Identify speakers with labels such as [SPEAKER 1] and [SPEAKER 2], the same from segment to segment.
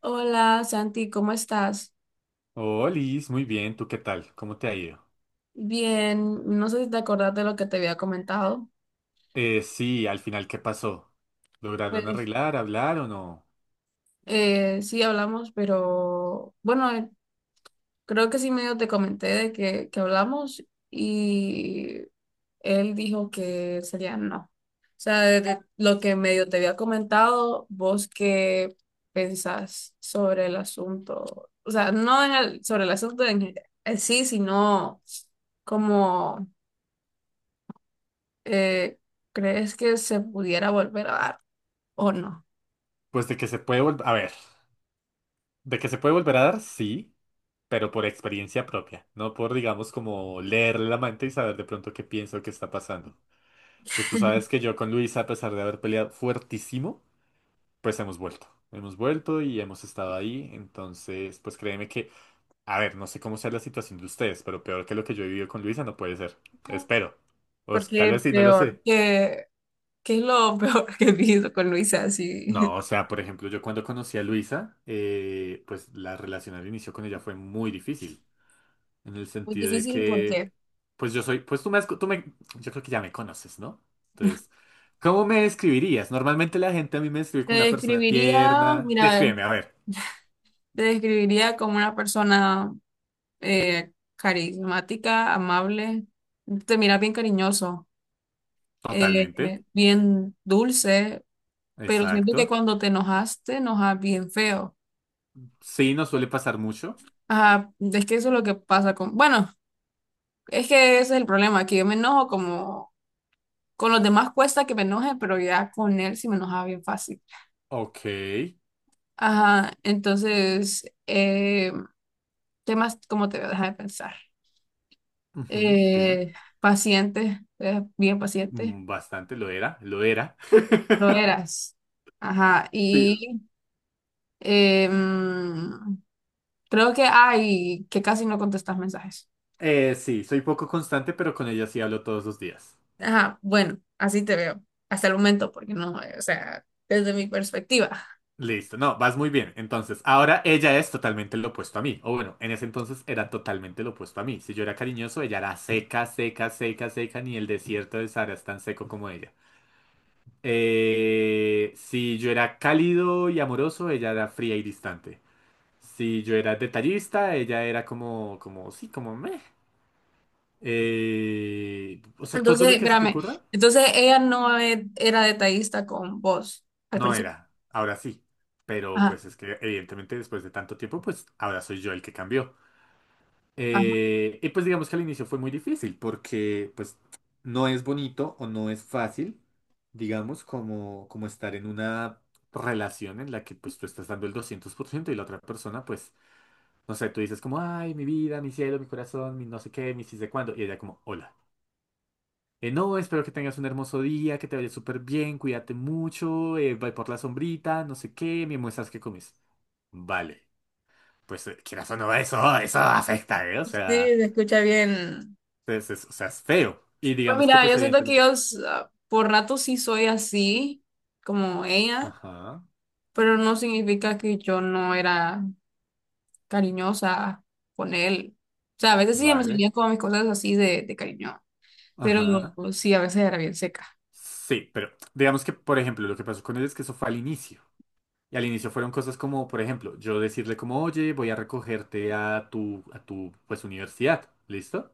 [SPEAKER 1] Hola Santi, ¿cómo estás?
[SPEAKER 2] Oh, Liz, muy bien. ¿Tú qué tal? ¿Cómo te ha ido?
[SPEAKER 1] Bien, no sé si te acordás de lo que te había comentado.
[SPEAKER 2] Sí, al final, ¿qué pasó? ¿Lograron
[SPEAKER 1] Pues
[SPEAKER 2] arreglar, hablar o no?
[SPEAKER 1] sí hablamos, pero bueno, creo que sí medio te comenté de que hablamos y él dijo que sería no. O sea, de lo que medio te había comentado, vos qué pensás sobre el asunto. O sea, no sobre el asunto en sí, sino como eh, ¿crees que se pudiera volver a dar o no?
[SPEAKER 2] Pues de que se puede volver... A ver, de que se puede volver a dar, sí, pero por experiencia propia, no por, digamos, como leerle la mente y saber de pronto qué pienso que está pasando. Pues tú sabes que yo con Luisa, a pesar de haber peleado fuertísimo, pues hemos vuelto. Hemos vuelto y hemos estado ahí. Entonces, pues créeme que a ver, no sé cómo sea la situación de ustedes, pero peor que lo que yo he vivido con Luisa no puede ser. Espero. O s- tal vez
[SPEAKER 1] Porque
[SPEAKER 2] sí, no lo
[SPEAKER 1] peor
[SPEAKER 2] sé.
[SPEAKER 1] que, ¿qué es lo peor que he visto con Luisa? Así,
[SPEAKER 2] No, o sea, por ejemplo, yo cuando conocí a Luisa, pues la relación al inicio con ella fue muy difícil. En el
[SPEAKER 1] muy
[SPEAKER 2] sentido de
[SPEAKER 1] difícil
[SPEAKER 2] que,
[SPEAKER 1] porque
[SPEAKER 2] pues yo soy, pues tú me, has co- tú me, yo creo que ya me conoces, ¿no? Entonces, ¿cómo me describirías? Normalmente la gente a mí me describe
[SPEAKER 1] te
[SPEAKER 2] como una persona
[SPEAKER 1] describiría,
[SPEAKER 2] tierna.
[SPEAKER 1] mira,
[SPEAKER 2] Descríbeme, a ver.
[SPEAKER 1] te describiría como una persona carismática, amable, te miras bien cariñoso,
[SPEAKER 2] Totalmente.
[SPEAKER 1] bien dulce, pero siento que
[SPEAKER 2] Exacto.
[SPEAKER 1] cuando te enojaste, te enojas bien feo.
[SPEAKER 2] Sí, no suele pasar mucho.
[SPEAKER 1] Ajá, es que eso es lo que pasa con, bueno. Es que ese es el problema, que yo me enojo como con los demás cuesta que me enoje, pero ya con él sí me enojaba bien fácil.
[SPEAKER 2] Ok.
[SPEAKER 1] Ajá, entonces, temas, ¿cómo te voy a dejar de pensar?
[SPEAKER 2] Ujú, dime.
[SPEAKER 1] Eh, paciente, bien paciente,
[SPEAKER 2] Bastante, lo era, lo era.
[SPEAKER 1] lo eras. Ajá,
[SPEAKER 2] Sí,
[SPEAKER 1] y em, creo que hay que casi no contestas mensajes.
[SPEAKER 2] sí, soy poco constante, pero con ella sí hablo todos los días.
[SPEAKER 1] Ajá, bueno, así te veo, hasta el momento, porque no, o sea, desde mi perspectiva.
[SPEAKER 2] Listo, no, vas muy bien. Entonces, ahora ella es totalmente lo opuesto a mí. O bueno, en ese entonces era totalmente lo opuesto a mí. Si yo era cariñoso, ella era seca, seca, seca, seca, ni el desierto de Sahara es tan seco como ella. Si yo era cálido y amoroso, ella era fría y distante. Si yo era detallista, ella era como, sí, como meh. O sea, todo
[SPEAKER 1] Entonces,
[SPEAKER 2] lo que se te
[SPEAKER 1] espérame,
[SPEAKER 2] ocurra,
[SPEAKER 1] entonces ella no era detallista con vos al
[SPEAKER 2] no
[SPEAKER 1] principio.
[SPEAKER 2] era, ahora sí. Pero
[SPEAKER 1] Ajá,
[SPEAKER 2] pues es que evidentemente después de tanto tiempo, pues ahora soy yo el que cambió.
[SPEAKER 1] ajá.
[SPEAKER 2] Y pues digamos que al inicio fue muy difícil porque pues no es bonito o no es fácil, digamos, como estar en una relación en la que pues tú estás dando el 200% y la otra persona pues, no sé, tú dices como, ay, mi vida, mi cielo, mi corazón, mi no sé qué, mi sí sé cuándo. Y ella como, hola. No, espero que tengas un hermoso día, que te vaya súper bien, cuídate mucho, ve por la sombrita, no sé qué, me muestras qué comes. Vale, pues quieras o no, eso afecta, ¿eh? O
[SPEAKER 1] Sí,
[SPEAKER 2] sea,
[SPEAKER 1] se escucha bien.
[SPEAKER 2] o sea, es feo. Y
[SPEAKER 1] Pues
[SPEAKER 2] digamos que
[SPEAKER 1] mira,
[SPEAKER 2] pues
[SPEAKER 1] yo siento que
[SPEAKER 2] evidentemente...
[SPEAKER 1] por rato sí soy así, como ella,
[SPEAKER 2] Ajá,
[SPEAKER 1] pero no significa que yo no era cariñosa con él. O sea, a veces sí me
[SPEAKER 2] vale,
[SPEAKER 1] salían como mis cosas así de cariño, pero
[SPEAKER 2] ajá.
[SPEAKER 1] sí, a veces era bien seca.
[SPEAKER 2] Sí, pero digamos que, por ejemplo, lo que pasó con él es que eso fue al inicio. Y al inicio fueron cosas como, por ejemplo, yo decirle como, oye, voy a recogerte a tu, pues, universidad, ¿listo?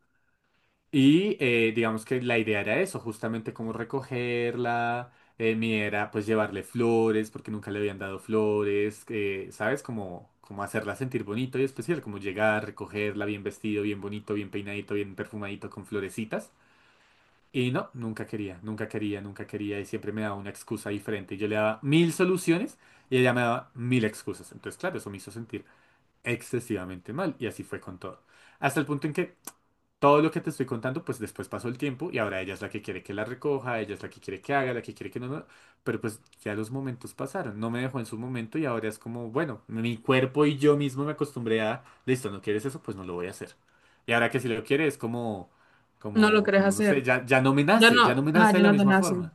[SPEAKER 2] Y digamos que la idea era eso, justamente como recogerla. Mi idea era pues llevarle flores, porque nunca le habían dado flores, ¿sabes? Como, como hacerla sentir bonito y especial, como llegar, recogerla bien vestido, bien bonito, bien peinadito, bien perfumadito, con florecitas. Y no, nunca quería, nunca quería, nunca quería y siempre me daba una excusa diferente. Yo le daba mil soluciones y ella me daba mil excusas. Entonces, claro, eso me hizo sentir excesivamente mal y así fue con todo. Hasta el punto en que todo lo que te estoy contando, pues después pasó el tiempo y ahora ella es la que quiere que la recoja, ella es la que quiere que haga, la que quiere que no, no. Pero pues ya los momentos pasaron, no me dejó en su momento y ahora es como, bueno, mi cuerpo y yo mismo me acostumbré a, listo, no quieres eso, pues no lo voy a hacer. Y ahora que si lo quiere es como,
[SPEAKER 1] No lo
[SPEAKER 2] como,
[SPEAKER 1] querés
[SPEAKER 2] como, no sé,
[SPEAKER 1] hacer.
[SPEAKER 2] ya, ya no me
[SPEAKER 1] Ya
[SPEAKER 2] nace, ya
[SPEAKER 1] no,
[SPEAKER 2] no me
[SPEAKER 1] ajá,
[SPEAKER 2] nace de
[SPEAKER 1] yo
[SPEAKER 2] la
[SPEAKER 1] no tan
[SPEAKER 2] misma
[SPEAKER 1] así.
[SPEAKER 2] forma.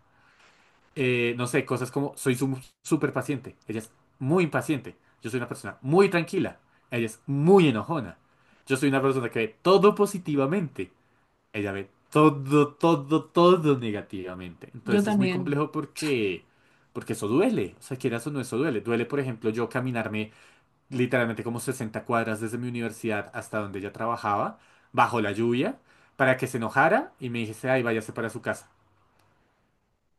[SPEAKER 2] No sé, cosas como, soy súper paciente, ella es muy impaciente, yo soy una persona muy tranquila, ella es muy enojona, yo soy una persona que ve todo positivamente. Ella ve todo, todo, todo negativamente.
[SPEAKER 1] Yo
[SPEAKER 2] Entonces es muy
[SPEAKER 1] también.
[SPEAKER 2] complejo porque eso duele. O sea, quieras o no, eso duele. Duele, por ejemplo, yo caminarme literalmente como 60 cuadras desde mi universidad hasta donde ella trabajaba, bajo la lluvia, para que se enojara y me dijese, ay, váyase para su casa.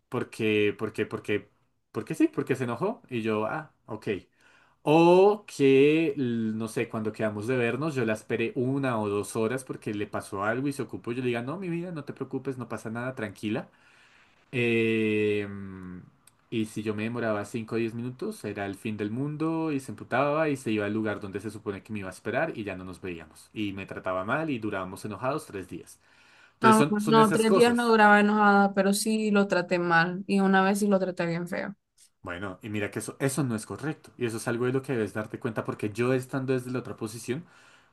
[SPEAKER 2] Porque, porque, porque, porque sí, porque se enojó. Y yo, ah, ok. O que, no sé, cuando quedamos de vernos, yo la esperé una o 2 horas porque le pasó algo y se ocupó. Yo le diga, no, mi vida, no te preocupes, no pasa nada, tranquila. Eh, y si yo me demoraba 5 o 10 minutos, era el fin del mundo y se emputaba y se iba al lugar donde se supone que me iba a esperar y ya no nos veíamos. Y me trataba mal y durábamos enojados 3 días. Entonces
[SPEAKER 1] No,
[SPEAKER 2] son
[SPEAKER 1] no,
[SPEAKER 2] esas
[SPEAKER 1] tres días no
[SPEAKER 2] cosas.
[SPEAKER 1] duraba enojada, pero sí lo traté mal. Y una vez sí lo traté bien feo.
[SPEAKER 2] Bueno, y mira que eso no es correcto. Y eso es algo de lo que debes darte cuenta porque yo estando desde la otra posición,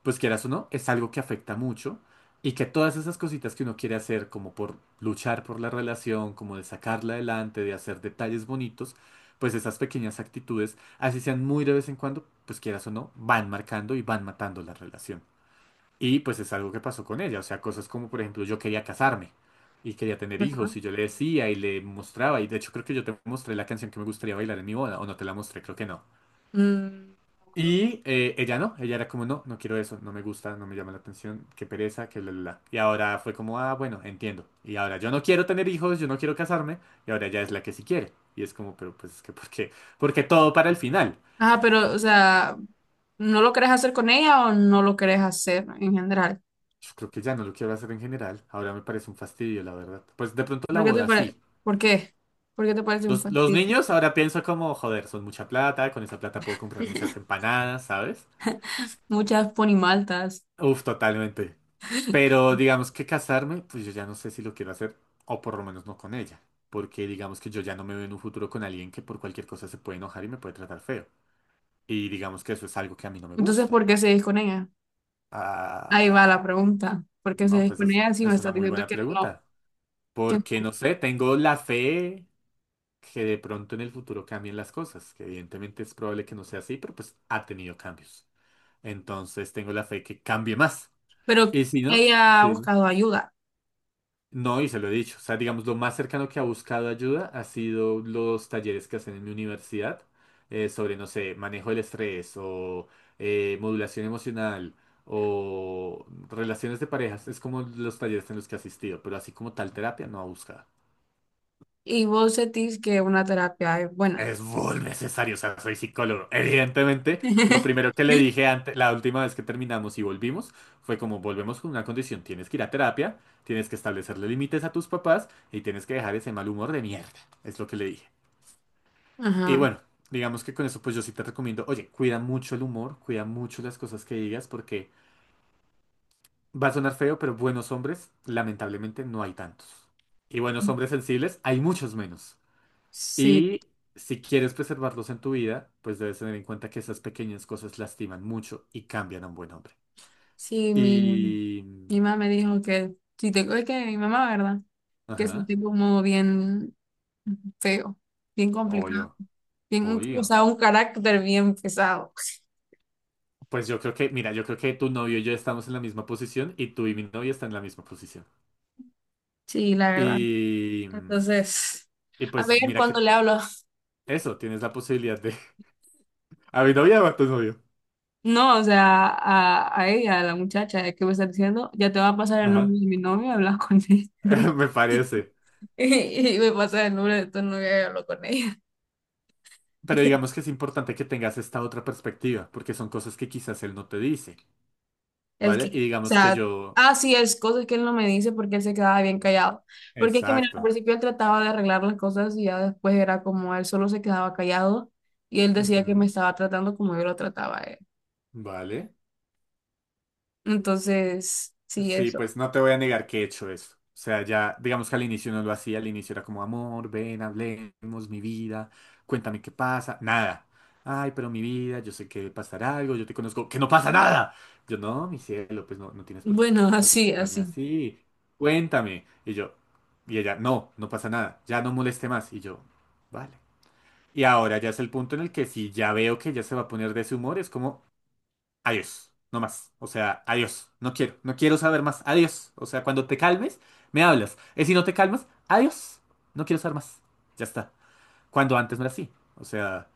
[SPEAKER 2] pues quieras o no, es algo que afecta mucho y que todas esas cositas que uno quiere hacer como por luchar por la relación, como de sacarla adelante, de hacer detalles bonitos, pues esas pequeñas actitudes, así sean muy de vez en cuando, pues quieras o no, van marcando y van matando la relación. Y pues es algo que pasó con ella, o sea, cosas como por ejemplo yo quería casarme y quería tener
[SPEAKER 1] Ajá.
[SPEAKER 2] hijos y yo le decía y le mostraba y de hecho creo que yo te mostré la canción que me gustaría bailar en mi boda o no te la mostré, creo que no.
[SPEAKER 1] Mm,
[SPEAKER 2] Y ella no, ella era como no, no quiero eso, no me gusta, no me llama la atención, qué pereza, que bla bla bla. Y ahora fue como, ah, bueno, entiendo. Y ahora yo no quiero tener hijos, yo no quiero casarme y ahora ella es la que sí quiere. Y es como, pero pues es que ¿por qué? Porque todo para el final.
[SPEAKER 1] ajá, pero, o sea, ¿no lo querés hacer con ella o no lo querés hacer en general?
[SPEAKER 2] Yo creo que ya no lo quiero hacer en general, ahora me parece un fastidio, la verdad. Pues de pronto la
[SPEAKER 1] ¿Por qué te
[SPEAKER 2] boda
[SPEAKER 1] pare-
[SPEAKER 2] sí.
[SPEAKER 1] ¿Por qué? ¿Por qué te parece un
[SPEAKER 2] Los
[SPEAKER 1] fastidio?
[SPEAKER 2] niños ahora pienso como, joder, son mucha plata, con esa plata puedo comprar muchas empanadas, ¿sabes?
[SPEAKER 1] Muchas ponimaltas.
[SPEAKER 2] Uf, totalmente. Pero digamos que casarme, pues yo ya no sé si lo quiero hacer, o por lo menos no con ella, porque digamos que yo ya no me veo en un futuro con alguien que por cualquier cosa se puede enojar y me puede tratar feo. Y digamos que eso es algo que a mí no me
[SPEAKER 1] Entonces,
[SPEAKER 2] gusta.
[SPEAKER 1] ¿por qué seguís con ella? Ahí va la
[SPEAKER 2] Ah,
[SPEAKER 1] pregunta. ¿Por qué
[SPEAKER 2] no,
[SPEAKER 1] seguís
[SPEAKER 2] pues
[SPEAKER 1] con ella si me
[SPEAKER 2] es una
[SPEAKER 1] estás
[SPEAKER 2] muy
[SPEAKER 1] diciendo
[SPEAKER 2] buena
[SPEAKER 1] que no?
[SPEAKER 2] pregunta,
[SPEAKER 1] ¿Que
[SPEAKER 2] porque
[SPEAKER 1] no?
[SPEAKER 2] no sé, tengo la fe que de pronto en el futuro cambien las cosas, que evidentemente es probable que no sea así, pero pues ha tenido cambios. Entonces tengo la fe que cambie más.
[SPEAKER 1] Pero
[SPEAKER 2] Y si no,
[SPEAKER 1] ella ha
[SPEAKER 2] sí, dime.
[SPEAKER 1] buscado ayuda
[SPEAKER 2] No, y se lo he dicho. O sea, digamos, lo más cercano que ha buscado ayuda ha sido los talleres que hacen en mi universidad sobre, no sé, manejo del estrés o modulación emocional o relaciones de parejas. Es como los talleres en los que he asistido, pero así como tal terapia no ha buscado.
[SPEAKER 1] y vos sentís que una terapia es buena.
[SPEAKER 2] Es muy necesario, o sea, soy psicólogo. Evidentemente, lo primero que le dije antes, la última vez que terminamos y volvimos, fue como volvemos con una condición, tienes que ir a terapia, tienes que establecerle límites a tus papás y tienes que dejar ese mal humor de mierda. Es lo que le dije. Y
[SPEAKER 1] Ajá.
[SPEAKER 2] bueno, digamos que con eso pues yo sí te recomiendo, oye, cuida mucho el humor, cuida mucho las cosas que digas porque va a sonar feo, pero buenos hombres lamentablemente no hay tantos. Y buenos hombres sensibles hay muchos menos.
[SPEAKER 1] Sí,
[SPEAKER 2] Y si quieres preservarlos en tu vida, pues debes tener en cuenta que esas pequeñas cosas lastiman mucho y cambian a un buen hombre.
[SPEAKER 1] sí, mi,
[SPEAKER 2] Y... mm,
[SPEAKER 1] mi mamá me dijo que si tengo, es que mi mamá, ¿verdad? Que es un
[SPEAKER 2] ajá,
[SPEAKER 1] tipo como bien feo, bien complicado,
[SPEAKER 2] obvio,
[SPEAKER 1] bien, o
[SPEAKER 2] obvio.
[SPEAKER 1] sea, un carácter bien pesado.
[SPEAKER 2] Pues yo creo que, mira, yo creo que tu novio y yo estamos en la misma posición y tú y mi novia están en la misma posición.
[SPEAKER 1] Sí, la verdad.
[SPEAKER 2] Y... mm,
[SPEAKER 1] Entonces,
[SPEAKER 2] Y
[SPEAKER 1] a
[SPEAKER 2] pues
[SPEAKER 1] ver
[SPEAKER 2] mira
[SPEAKER 1] cuando
[SPEAKER 2] que
[SPEAKER 1] le hablo.
[SPEAKER 2] eso, tienes la posibilidad de... ¿A mi novia o a tu novio?
[SPEAKER 1] No, o sea, a ella, a la muchacha que me está diciendo, ya te va a pasar el
[SPEAKER 2] Ajá,
[SPEAKER 1] nombre de mi novio, hablas con ella.
[SPEAKER 2] me parece.
[SPEAKER 1] Y, me pasa el nombre de tu novia y hablo con ella.
[SPEAKER 2] Pero digamos que es importante que tengas esta otra perspectiva, porque son cosas que quizás él no te dice.
[SPEAKER 1] El
[SPEAKER 2] ¿Vale?
[SPEAKER 1] que,
[SPEAKER 2] Y
[SPEAKER 1] o
[SPEAKER 2] digamos que
[SPEAKER 1] sea,
[SPEAKER 2] yo,
[SPEAKER 1] ah, sí, es cosas que él no me dice porque él se quedaba bien callado. Porque es que, mira, al
[SPEAKER 2] exacto.
[SPEAKER 1] principio él trataba de arreglar las cosas y ya después era como él solo se quedaba callado y él decía que me
[SPEAKER 2] Ujú.
[SPEAKER 1] estaba tratando como yo lo trataba a él.
[SPEAKER 2] Vale.
[SPEAKER 1] Entonces, sí,
[SPEAKER 2] Sí,
[SPEAKER 1] eso.
[SPEAKER 2] pues no te voy a negar que he hecho eso. O sea, ya, digamos que al inicio no lo hacía, al inicio era como, amor, ven, hablemos, mi vida, cuéntame qué pasa, nada. Ay, pero mi vida, yo sé que pasará algo, yo te conozco, que no pasa nada. Yo, no, mi cielo, pues no, no tienes por qué
[SPEAKER 1] Bueno, así,
[SPEAKER 2] hablarme
[SPEAKER 1] así.
[SPEAKER 2] así, cuéntame. Y yo, y ella, no, no pasa nada, ya no moleste más. Y yo, vale. Y ahora ya es el punto en el que si ya veo que ella se va a poner de ese humor, es como... adiós, no más. O sea, adiós, no quiero, no quiero saber más, adiós. O sea, cuando te calmes, me hablas. Y si no te calmas, adiós, no quiero saber más. Ya está. Cuando antes no era así. O sea,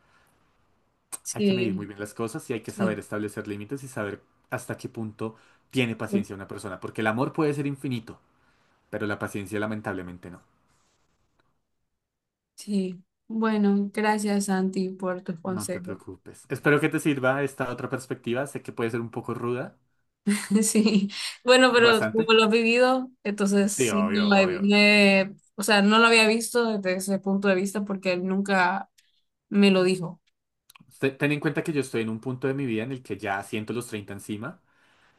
[SPEAKER 2] hay que medir muy
[SPEAKER 1] Sí,
[SPEAKER 2] bien las cosas y hay que saber
[SPEAKER 1] sí,
[SPEAKER 2] establecer límites y saber hasta qué punto tiene paciencia una persona. Porque el amor puede ser infinito, pero la paciencia lamentablemente no.
[SPEAKER 1] sí. Bueno, gracias, Santi, por tus
[SPEAKER 2] No te
[SPEAKER 1] consejos.
[SPEAKER 2] preocupes. Espero que te sirva esta otra perspectiva. Sé que puede ser un poco ruda.
[SPEAKER 1] Sí, bueno, pero
[SPEAKER 2] Bastante.
[SPEAKER 1] como lo has vivido, entonces
[SPEAKER 2] Sí,
[SPEAKER 1] sí, no
[SPEAKER 2] obvio,
[SPEAKER 1] lo he,
[SPEAKER 2] obvio.
[SPEAKER 1] no he- o sea, no lo había visto desde ese punto de vista porque él nunca me lo dijo.
[SPEAKER 2] Ten en cuenta que yo estoy en un punto de mi vida en el que ya siento los 30 encima,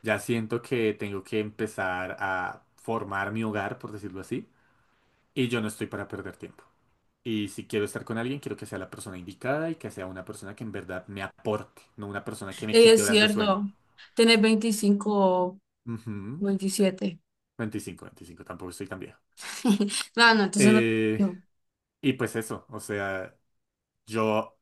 [SPEAKER 2] ya siento que tengo que empezar a formar mi hogar, por decirlo así, y yo no estoy para perder tiempo. Y si quiero estar con alguien, quiero que sea la persona indicada y que sea una persona que en verdad me aporte, no una persona que me
[SPEAKER 1] Y
[SPEAKER 2] quite
[SPEAKER 1] es
[SPEAKER 2] horas de sueño.
[SPEAKER 1] cierto, tenés 25 o
[SPEAKER 2] Ujú.
[SPEAKER 1] 27.
[SPEAKER 2] 25, tampoco estoy tan viejo.
[SPEAKER 1] No, no, entonces no.
[SPEAKER 2] Eh,
[SPEAKER 1] yo,
[SPEAKER 2] y pues eso, o sea, yo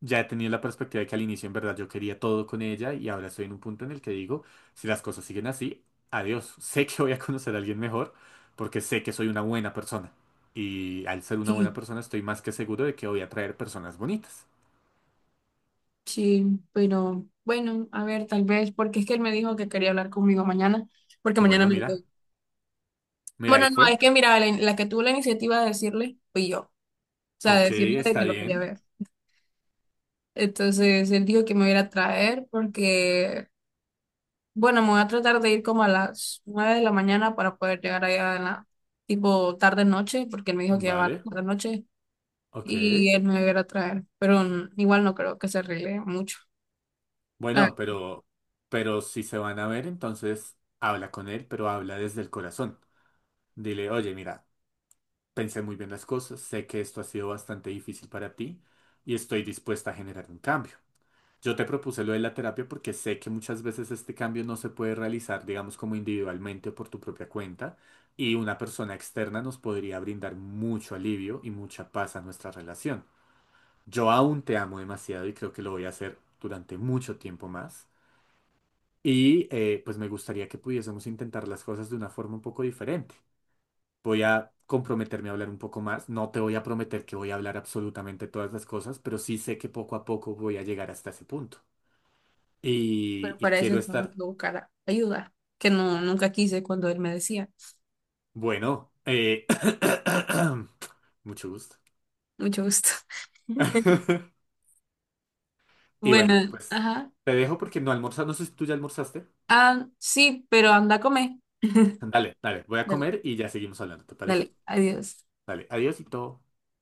[SPEAKER 2] ya he tenido la perspectiva de que al inicio en verdad yo quería todo con ella y ahora estoy en un punto en el que digo, si las cosas siguen así, adiós. Sé que voy a conocer a alguien mejor porque sé que soy una buena persona. Y al ser una buena
[SPEAKER 1] Sí,
[SPEAKER 2] persona estoy más que seguro de que voy a traer personas bonitas.
[SPEAKER 1] sí, pero bueno, a ver, tal vez, porque es que él me dijo que quería hablar conmigo mañana, porque mañana
[SPEAKER 2] Bueno,
[SPEAKER 1] me
[SPEAKER 2] mira,
[SPEAKER 1] voy.
[SPEAKER 2] mira, ahí
[SPEAKER 1] Bueno, no, es
[SPEAKER 2] fue.
[SPEAKER 1] que mira, la que tuvo la iniciativa de decirle fui yo, o sea, de
[SPEAKER 2] Ok,
[SPEAKER 1] decirle de que
[SPEAKER 2] está
[SPEAKER 1] lo quería
[SPEAKER 2] bien.
[SPEAKER 1] ver. Entonces él dijo que me iba a ir a traer porque, bueno, me voy a tratar de ir como a las 9 de la mañana para poder llegar allá en la tipo tarde noche, porque él me dijo que iba a
[SPEAKER 2] Vale,
[SPEAKER 1] tarde noche
[SPEAKER 2] ok.
[SPEAKER 1] y él me iba a ir a traer, pero igual no creo que se arregle mucho. Ah,
[SPEAKER 2] Bueno, pero si se van a ver, entonces habla con él, pero habla desde el corazón. Dile, oye, mira, pensé muy bien las cosas, sé que esto ha sido bastante difícil para ti y estoy dispuesta a generar un cambio. Yo te propuse lo de la terapia porque sé que muchas veces este cambio no se puede realizar, digamos, como individualmente o por tu propia cuenta y una persona externa nos podría brindar mucho alivio y mucha paz a nuestra relación. Yo aún te amo demasiado y creo que lo voy a hacer durante mucho tiempo más y pues me gustaría que pudiésemos intentar las cosas de una forma un poco diferente. Voy a comprometerme a hablar un poco más. No te voy a prometer que voy a hablar absolutamente todas las cosas, pero sí sé que poco a poco voy a llegar hasta ese punto. Y,
[SPEAKER 1] pero
[SPEAKER 2] y
[SPEAKER 1] para
[SPEAKER 2] quiero
[SPEAKER 1] eso tengo que
[SPEAKER 2] estar,
[SPEAKER 1] buscar ayuda, que no nunca quise cuando él me decía.
[SPEAKER 2] bueno, mucho gusto.
[SPEAKER 1] Mucho gusto.
[SPEAKER 2] Y bueno,
[SPEAKER 1] Bueno,
[SPEAKER 2] pues
[SPEAKER 1] ajá.
[SPEAKER 2] te dejo porque no almorzas. No sé si tú ya almorzaste.
[SPEAKER 1] Ah, sí, pero anda a comer.
[SPEAKER 2] Dale, dale, voy a
[SPEAKER 1] Dale,
[SPEAKER 2] comer y ya seguimos hablando, ¿te parece?
[SPEAKER 1] dale, adiós.
[SPEAKER 2] Dale, adiós y todo.